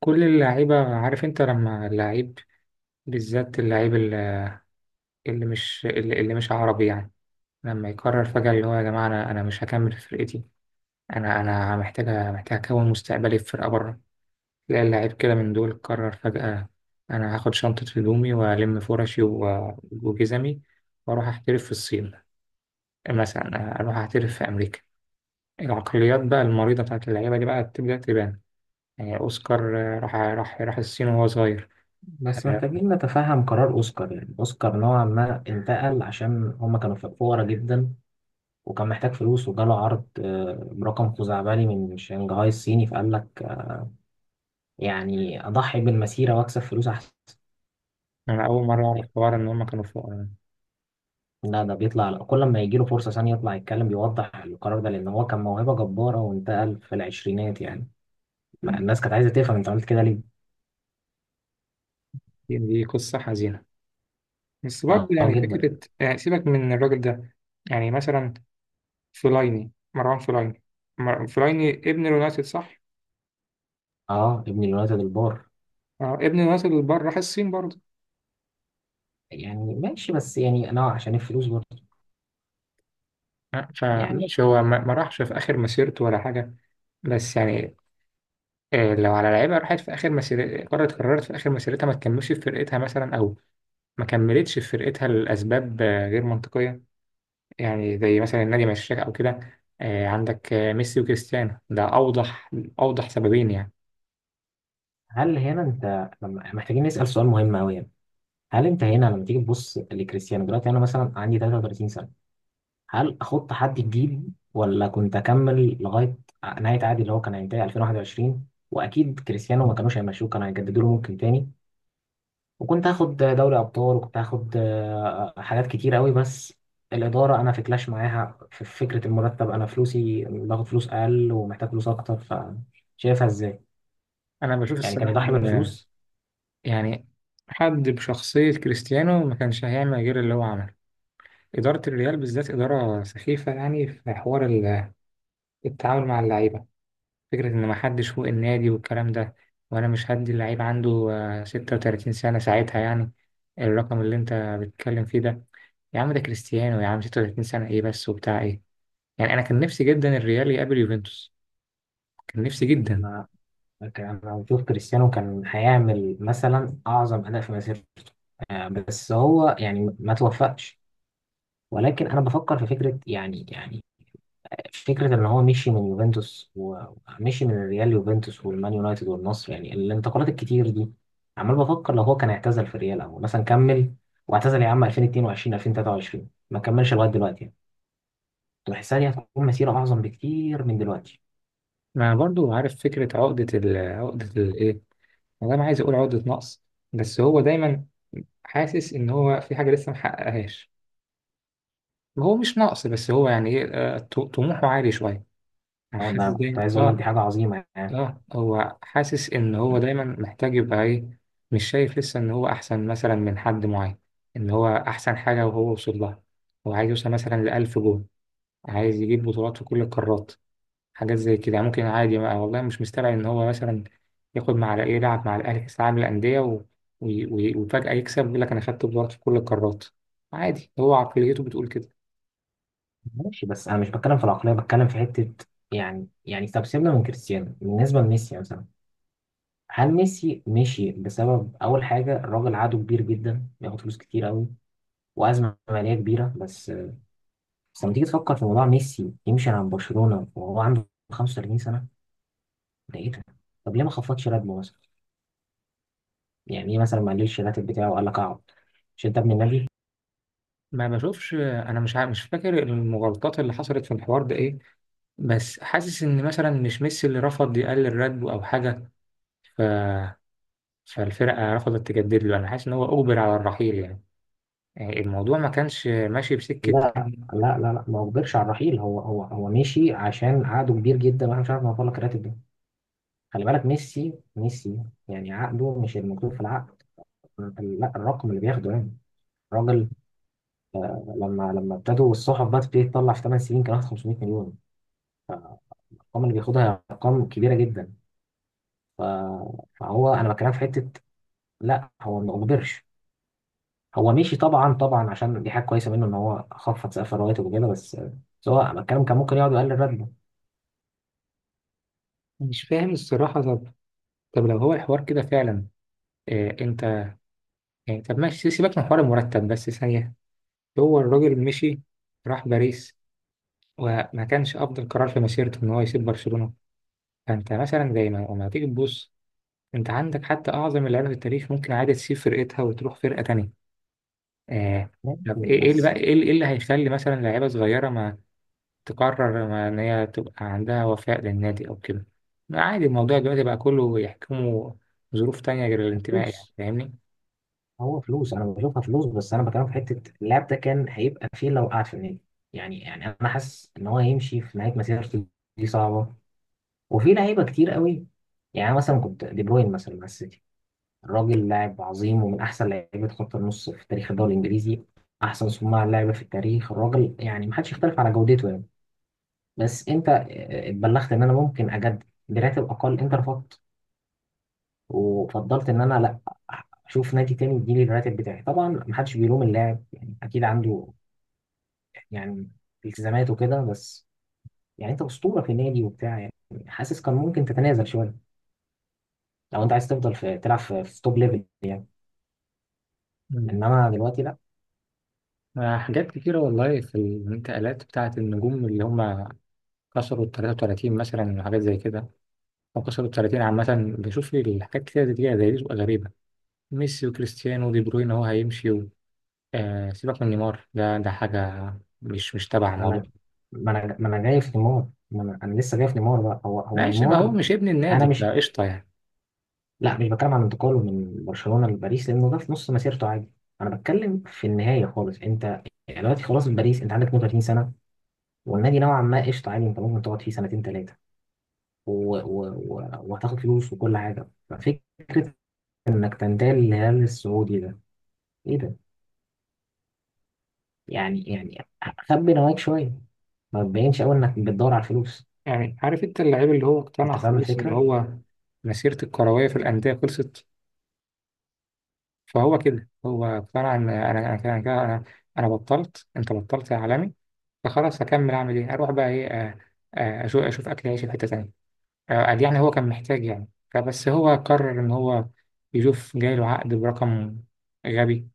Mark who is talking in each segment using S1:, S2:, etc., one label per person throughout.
S1: كل اللعيبة، عارف انت لما اللعيب بالذات، اللعيب اللي مش اللي مش عربي يعني، لما يقرر فجأة اللي هو يا جماعة انا مش هكمل في فرقتي، انا محتاج اكون مستقبلي في فرقة بره. تلاقي اللعيب كده من دول قرر فجأة انا هاخد شنطة هدومي والم فرشي وجزمي، واروح احترف في الصين مثلا، اروح احترف في امريكا. العقليات بقى المريضة بتاعت اللعيبة دي بقى بتبدأ تبان. يعني اوسكار راح الصين وهو صغير.
S2: بس محتاجين نتفهم قرار أوسكار. يعني أوسكار نوعا ما انتقل عشان هما كانوا فقراء جدا، وكان محتاج فلوس، وجاله عرض برقم خزعبلي من شنغهاي الصيني، فقال لك يعني أضحي بالمسيرة وأكسب فلوس أحسن.
S1: أنا أول مرة أعرف حوار إن هما كانوا فقراء.
S2: لا، ده بيطلع كل ما يجي له فرصة ثانية يطلع يتكلم بيوضح القرار ده، لأن هو كان موهبة جبارة وانتقل في العشرينات يعني، ما الناس كانت عايزة تفهم أنت عملت كده ليه؟
S1: دي قصة حزينة، بس برضه
S2: أه آه،
S1: يعني
S2: جدا.
S1: فكرة. يعني سيبك من الراجل ده. يعني مثلا فلايني، مروان فلايني، فلايني ابن اليونايتد صح؟
S2: أه، ابن اليونايتد البار.
S1: اه ابن اليونايتد اللي بره راح الصين برضه.
S2: يعني ماشي، بس يعني أنا عشان الفلوس برضه يعني.
S1: فماشي، هو ما راحش في آخر مسيرته ولا حاجة. بس يعني لو على لعيبة راحت في آخر مسيرتها، قررت في آخر مسيرتها ما تكملش في فرقتها مثلا، أو ما كملتش في فرقتها لأسباب غير منطقية، يعني زي مثلا النادي مشاك أو كده. عندك ميسي وكريستيانو، ده أوضح أوضح سببين يعني.
S2: هل هنا انت، لما احنا محتاجين نسأل سؤال مهم قوي يعني، هل انت هنا لما تيجي تبص لكريستيانو دلوقتي، انا مثلا عندي 33 سنة، هل احط حد جديد ولا كنت اكمل لغاية نهاية عقدي اللي هو كان هينتهي 2021؟ واكيد كريستيانو ما كانوش هيمشوه، كانوا هيجددوا له ممكن تاني، وكنت هاخد دوري ابطال، وكنت هاخد حاجات كتير قوي. بس الإدارة أنا في كلاش معاها في فكرة المرتب، أنا فلوسي باخد فلوس أقل ومحتاج فلوس أكتر. فشايفها إزاي؟
S1: أنا بشوف
S2: يعني كان
S1: الصراحة
S2: يضحي
S1: إن،
S2: بالفلوس.
S1: يعني، حد بشخصية كريستيانو ما كانش هيعمل غير اللي هو عمله. إدارة الريال بالذات إدارة سخيفة يعني، في حوار التعامل مع اللعيبة، فكرة إن محدش فوق النادي والكلام ده. وأنا مش هدي اللعيب عنده 36 سنة ساعتها يعني، الرقم اللي أنت بتتكلم فيه ده. يا عم ده كريستيانو، يا عم 36 سنة إيه بس وبتاع إيه؟ يعني انا كان نفسي جدا الريال يقابل يوفنتوس، كان نفسي جدا.
S2: كان المفروض كريستيانو كان هيعمل مثلا اعظم اداء في مسيرته، بس هو يعني ما توفقش. ولكن انا بفكر في فكره يعني، فكره ان هو مشي من يوفنتوس ومشي من الريال، يوفنتوس والمان يونايتد والنصر، يعني الانتقالات الكتير دي. عمال بفكر لو هو كان اعتزل في الريال، او مثلا كمل واعتزل يا عم 2022 2023، ما كملش لغايه دلوقتي يعني. كنت بحسها دي هتكون مسيره اعظم بكتير من دلوقتي.
S1: ما انا برضو عارف فكره عقده، عقده الايه، انا ما عايز اقول عقده نقص، بس هو دايما حاسس ان هو في حاجه لسه ما حققهاش. هو مش نقص، بس هو يعني ايه، طموحه عالي شويه. يعني
S2: أو
S1: حاسس
S2: أنا كنت
S1: دايما
S2: عايز اقول لك دي
S1: اه.
S2: حاجه عظيمه يعني.
S1: اه، هو حاسس ان هو دايما محتاج يبقى ايه، مش شايف لسه ان هو احسن مثلا من حد معين، ان هو احسن حاجه وهو وصل لها. هو عايز يوصل مثلا لألف جول، عايز يجيب بطولات في كل القارات، حاجات زي كده يعني. ممكن عادي بقى والله، مش مستبعد إن هو مثلا ياخد مع الأهلي، يلعب مع الأهلي كأس العالم للأندية وفجأة يكسب، يقول لك أنا خدت بطولات في كل القارات. عادي، هو عقليته بتقول كده.
S2: ماشي، بس انا مش بتكلم في العقليه، بتكلم في حته. يعني طب سيبنا من كريستيانو، بالنسبه لميسي مثلا، هل ميسي مشي بسبب اول حاجه؟ الراجل عقده كبير جدا، بياخد فلوس كتير قوي، وازمه ماليه كبيره. بس لما تيجي تفكر في موضوع ميسي يمشي عن برشلونه وهو عنده 35 سنه، ده ايه ده؟ طب ليه ما خفضش راتبه مثلا؟ يعني ايه مثلا ما قللش الراتب بتاعه، وقال لك اقعد، مش انت ابن النبي؟
S1: ما بشوفش، أنا مش عارف، مش فاكر المغالطات اللي حصلت في الحوار ده إيه، بس حاسس إن مثلا مش ميسي اللي رفض يقلل راتبه أو حاجة. ف... فالفرقة رفضت تجدد له. أنا حاسس إن هو أجبر على الرحيل يعني، يعني الموضوع ما كانش ماشي بسكة.
S2: لا لا لا لا، ما اجبرش على الرحيل. هو مشي عشان عقده كبير جدا، واحنا مش عارف نوفر لك الراتب ده. خلي بالك، ميسي يعني عقده، مش المكتوب في العقد. لا، الرقم اللي بياخده يعني، الراجل لما ابتدوا الصحف بقى تبتدي تطلع، في 8 سنين كان واخد 500 مليون. الارقام اللي بياخدها هي ارقام كبيره جدا. ف- فهو انا بتكلم في حته، لا هو ما اجبرش. هو مشي طبعا طبعا، عشان دي حاجه كويسه منه ان هو خفض سقف الرواتب وكده، بس هو، أنا بتكلم كان ممكن يقعد يقلل راتبه.
S1: مش فاهم الصراحة. طب لو هو الحوار كده فعلا، انت، يعني طب ماشي سيبك من حوار المرتب بس ثانية، هو الراجل مشي، راح باريس، وما كانش أفضل قرار في مسيرته إن هو يسيب برشلونة. فأنت مثلا زي ما لما تيجي تبص، أنت عندك حتى أعظم اللعيبة في التاريخ ممكن عادي تسيب فرقتها وتروح فرقة تانية. آه.
S2: ماشي،
S1: طب إيه، إيه اللي
S2: بس.
S1: بقى إيه اللي إيه اللي هيخلي مثلا لعيبة صغيرة ما تقرر، ما إن هي تبقى عندها وفاء للنادي أو كده؟ عادي الموضوع دلوقتي بقى كله يحكمه ظروف تانية غير الانتماء، يعني
S2: فلوس.
S1: فاهمني؟
S2: هو فلوس، انا بشوفها فلوس، بس انا بكلمك في حته، اللاعب ده كان هيبقى فين لو قعد في النادي؟ يعني انا حاسس ان هو هيمشي في نهايه مسيرته، دي صعبه، وفي لعيبه كتير قوي. يعني أنا مثلا كنت دي بروين مثلا مع السيتي، الراجل لاعب عظيم، ومن احسن لعيبه خط النص في تاريخ الدوري الانجليزي، احسن صناع لعبه في التاريخ، الراجل يعني ما حدش يختلف على جودته يعني. بس انت اتبلغت ان انا ممكن اجدد براتب اقل، انت رفضت وفضلت ان انا لا، اشوف نادي تاني يديني الراتب بتاعي. طبعا محدش بيلوم اللاعب، يعني اكيد عنده يعني التزامات وكده، بس يعني انت اسطوره في نادي وبتاع يعني، حاسس كان ممكن تتنازل شويه، لو انت عايز تفضل في تلعب في توب ليفل يعني، انما دلوقتي لا.
S1: حاجات كتيرة والله في الانتقالات بتاعة النجوم اللي هم كسروا ال 33 مثلا وحاجات زي كده، أو كسروا ال 30 عامة. بشوف الحاجات كتيرة زي دي، بتبقى غريبة. ميسي وكريستيانو ودي بروين هو هيمشي آه، سيبك من نيمار، ده ده حاجة مش تبع الموضوع.
S2: انا ما انا ما انا جاي في نيمار، ما انا, أنا لسه جاي في نيمار بقى، هو
S1: ماشي، ما هو
S2: نيمار.
S1: مش ابن
S2: انا
S1: النادي، لا
S2: مش،
S1: قشطة يعني.
S2: لا مش بتكلم عن انتقاله من برشلونه لباريس، لانه ده في نص مسيرته عادي، انا بتكلم في النهايه خالص. انت يعني دلوقتي خلاص في باريس، انت عندك 32، والنادي نوعا ما قشطه عادي، انت ممكن تقعد فيه سنتين ثلاثه، وهتاخد فلوس وكل حاجه. ففكره انك تنتقل للهلال السعودي ده، ايه ده؟ يعني خبي نواياك شويه، ما تبينش قوي انك بتدور على الفلوس.
S1: يعني عارف أنت اللعيب اللي هو اقتنع
S2: انت فاهم
S1: خلاص، اللي
S2: الفكره؟
S1: هو مسيرة الكروية في الأندية خلصت، فهو كده. هو فعلا انا، أنا بطلت، انت بطلت يا عالمي، فخلاص هكمل اعمل ايه، اروح بقى ايه، اشوف اكل عيش في حته تانيه. قال يعني هو كان محتاج يعني، فبس هو قرر ان هو يشوف جاي له عقد برقم غبي،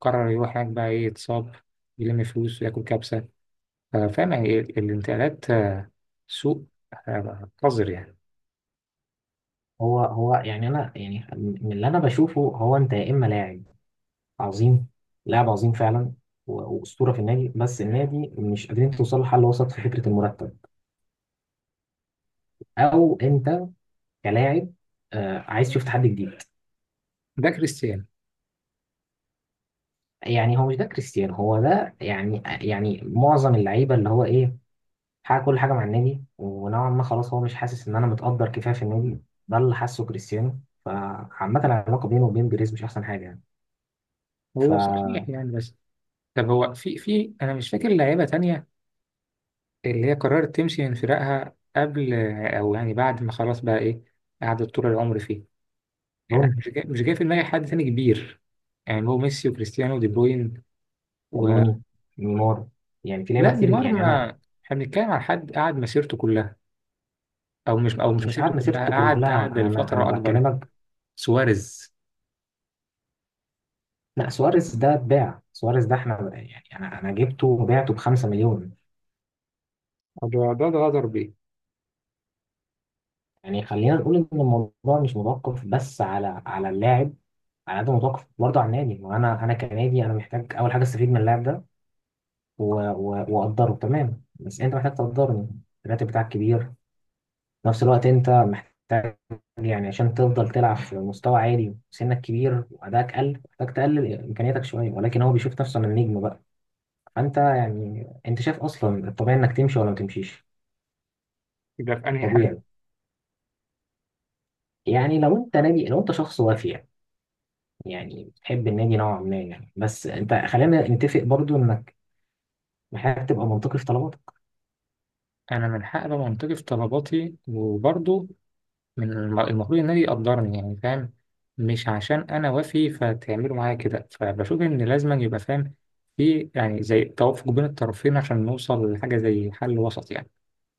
S1: قرر يروح هناك بقى، ايه يتصاب، يلم فلوس وياكل كبسه. فاهم يعني إيه؟ الانتقالات سوء، قذر يعني.
S2: هو يعني انا، يعني من اللي انا بشوفه، هو انت يا اما لاعب عظيم، لاعب عظيم فعلا واسطوره في النادي، بس النادي مش قادرين توصلوا لحل وسط في فكره المرتب، او انت كلاعب عايز تشوف تحدي جديد.
S1: ده كريستيانو.
S2: يعني هو مش ده كريستيانو هو ده، يعني معظم اللعيبه اللي هو ايه، حقق كل حاجه مع النادي، ونوعا ما خلاص هو مش حاسس ان انا متقدر كفايه في النادي، ده اللي حاسه كريستيانو، فعامه العلاقه بينه وبين بيريز مش احسن حاجه يعني.
S1: هو صحيح
S2: فروني.
S1: يعني، بس طب هو في انا مش فاكر لعيبه تانية اللي هي قررت تمشي من فراقها قبل، او يعني بعد ما خلاص بقى ايه، قعدت طول العمر فيه. يعني أنا
S2: روني،
S1: مش جاي، في دماغي حد تاني كبير، يعني هو ميسي وكريستيانو ودي بروين و...
S2: روني، نيمار، يعني في لعيبه
S1: لا
S2: كتير
S1: نيمار،
S2: يعني. انا،
S1: ما احنا بنتكلم عن حد قعد مسيرته كلها، او مش، او مش
S2: مش
S1: مسيرته
S2: قاعد
S1: كلها،
S2: مسيرته
S1: قعد
S2: كلها،
S1: قعد
S2: انا
S1: لفترة اكبر.
S2: بكلمك.
S1: سواريز،
S2: لا سواريز ده اتباع، سواريز ده احنا يعني انا جبته وبعته ب 5 مليون.
S1: ده غدر بيه.
S2: يعني خلينا نقول ان الموضوع مش متوقف بس على اللاعب، على قد ما متوقف برضه على النادي، وانا كنادي، انا محتاج اول حاجه استفيد من اللاعب ده واقدره تمام، بس انت محتاج تقدرني، الراتب بتاعك كبير. في نفس الوقت انت محتاج، يعني عشان تفضل تلعب في مستوى عالي، سنك كبير وادائك قل، محتاج تقلل امكانياتك شويه، ولكن هو بيشوف نفسه من النجم بقى. فانت يعني، انت شايف اصلا الطبيعي انك تمشي ولا ما تمشيش؟
S1: يبقى في انهي حالة؟
S2: طبيعي، يعني لو انت نادي، لو انت شخص وافي، يعني بتحب النادي نوعا ما يعني، بس انت خلينا نتفق برضو انك محتاج تبقى منطقي في طلباتك.
S1: انا من حق ابقى منطقي في طلباتي، وبرضه من المفروض النادي يقدرني، يعني فاهم، مش عشان انا وافي فتعملوا معايا كده. فبشوف ان لازم يبقى فاهم في، يعني، زي توافق بين الطرفين عشان نوصل لحاجه زي حل وسط يعني.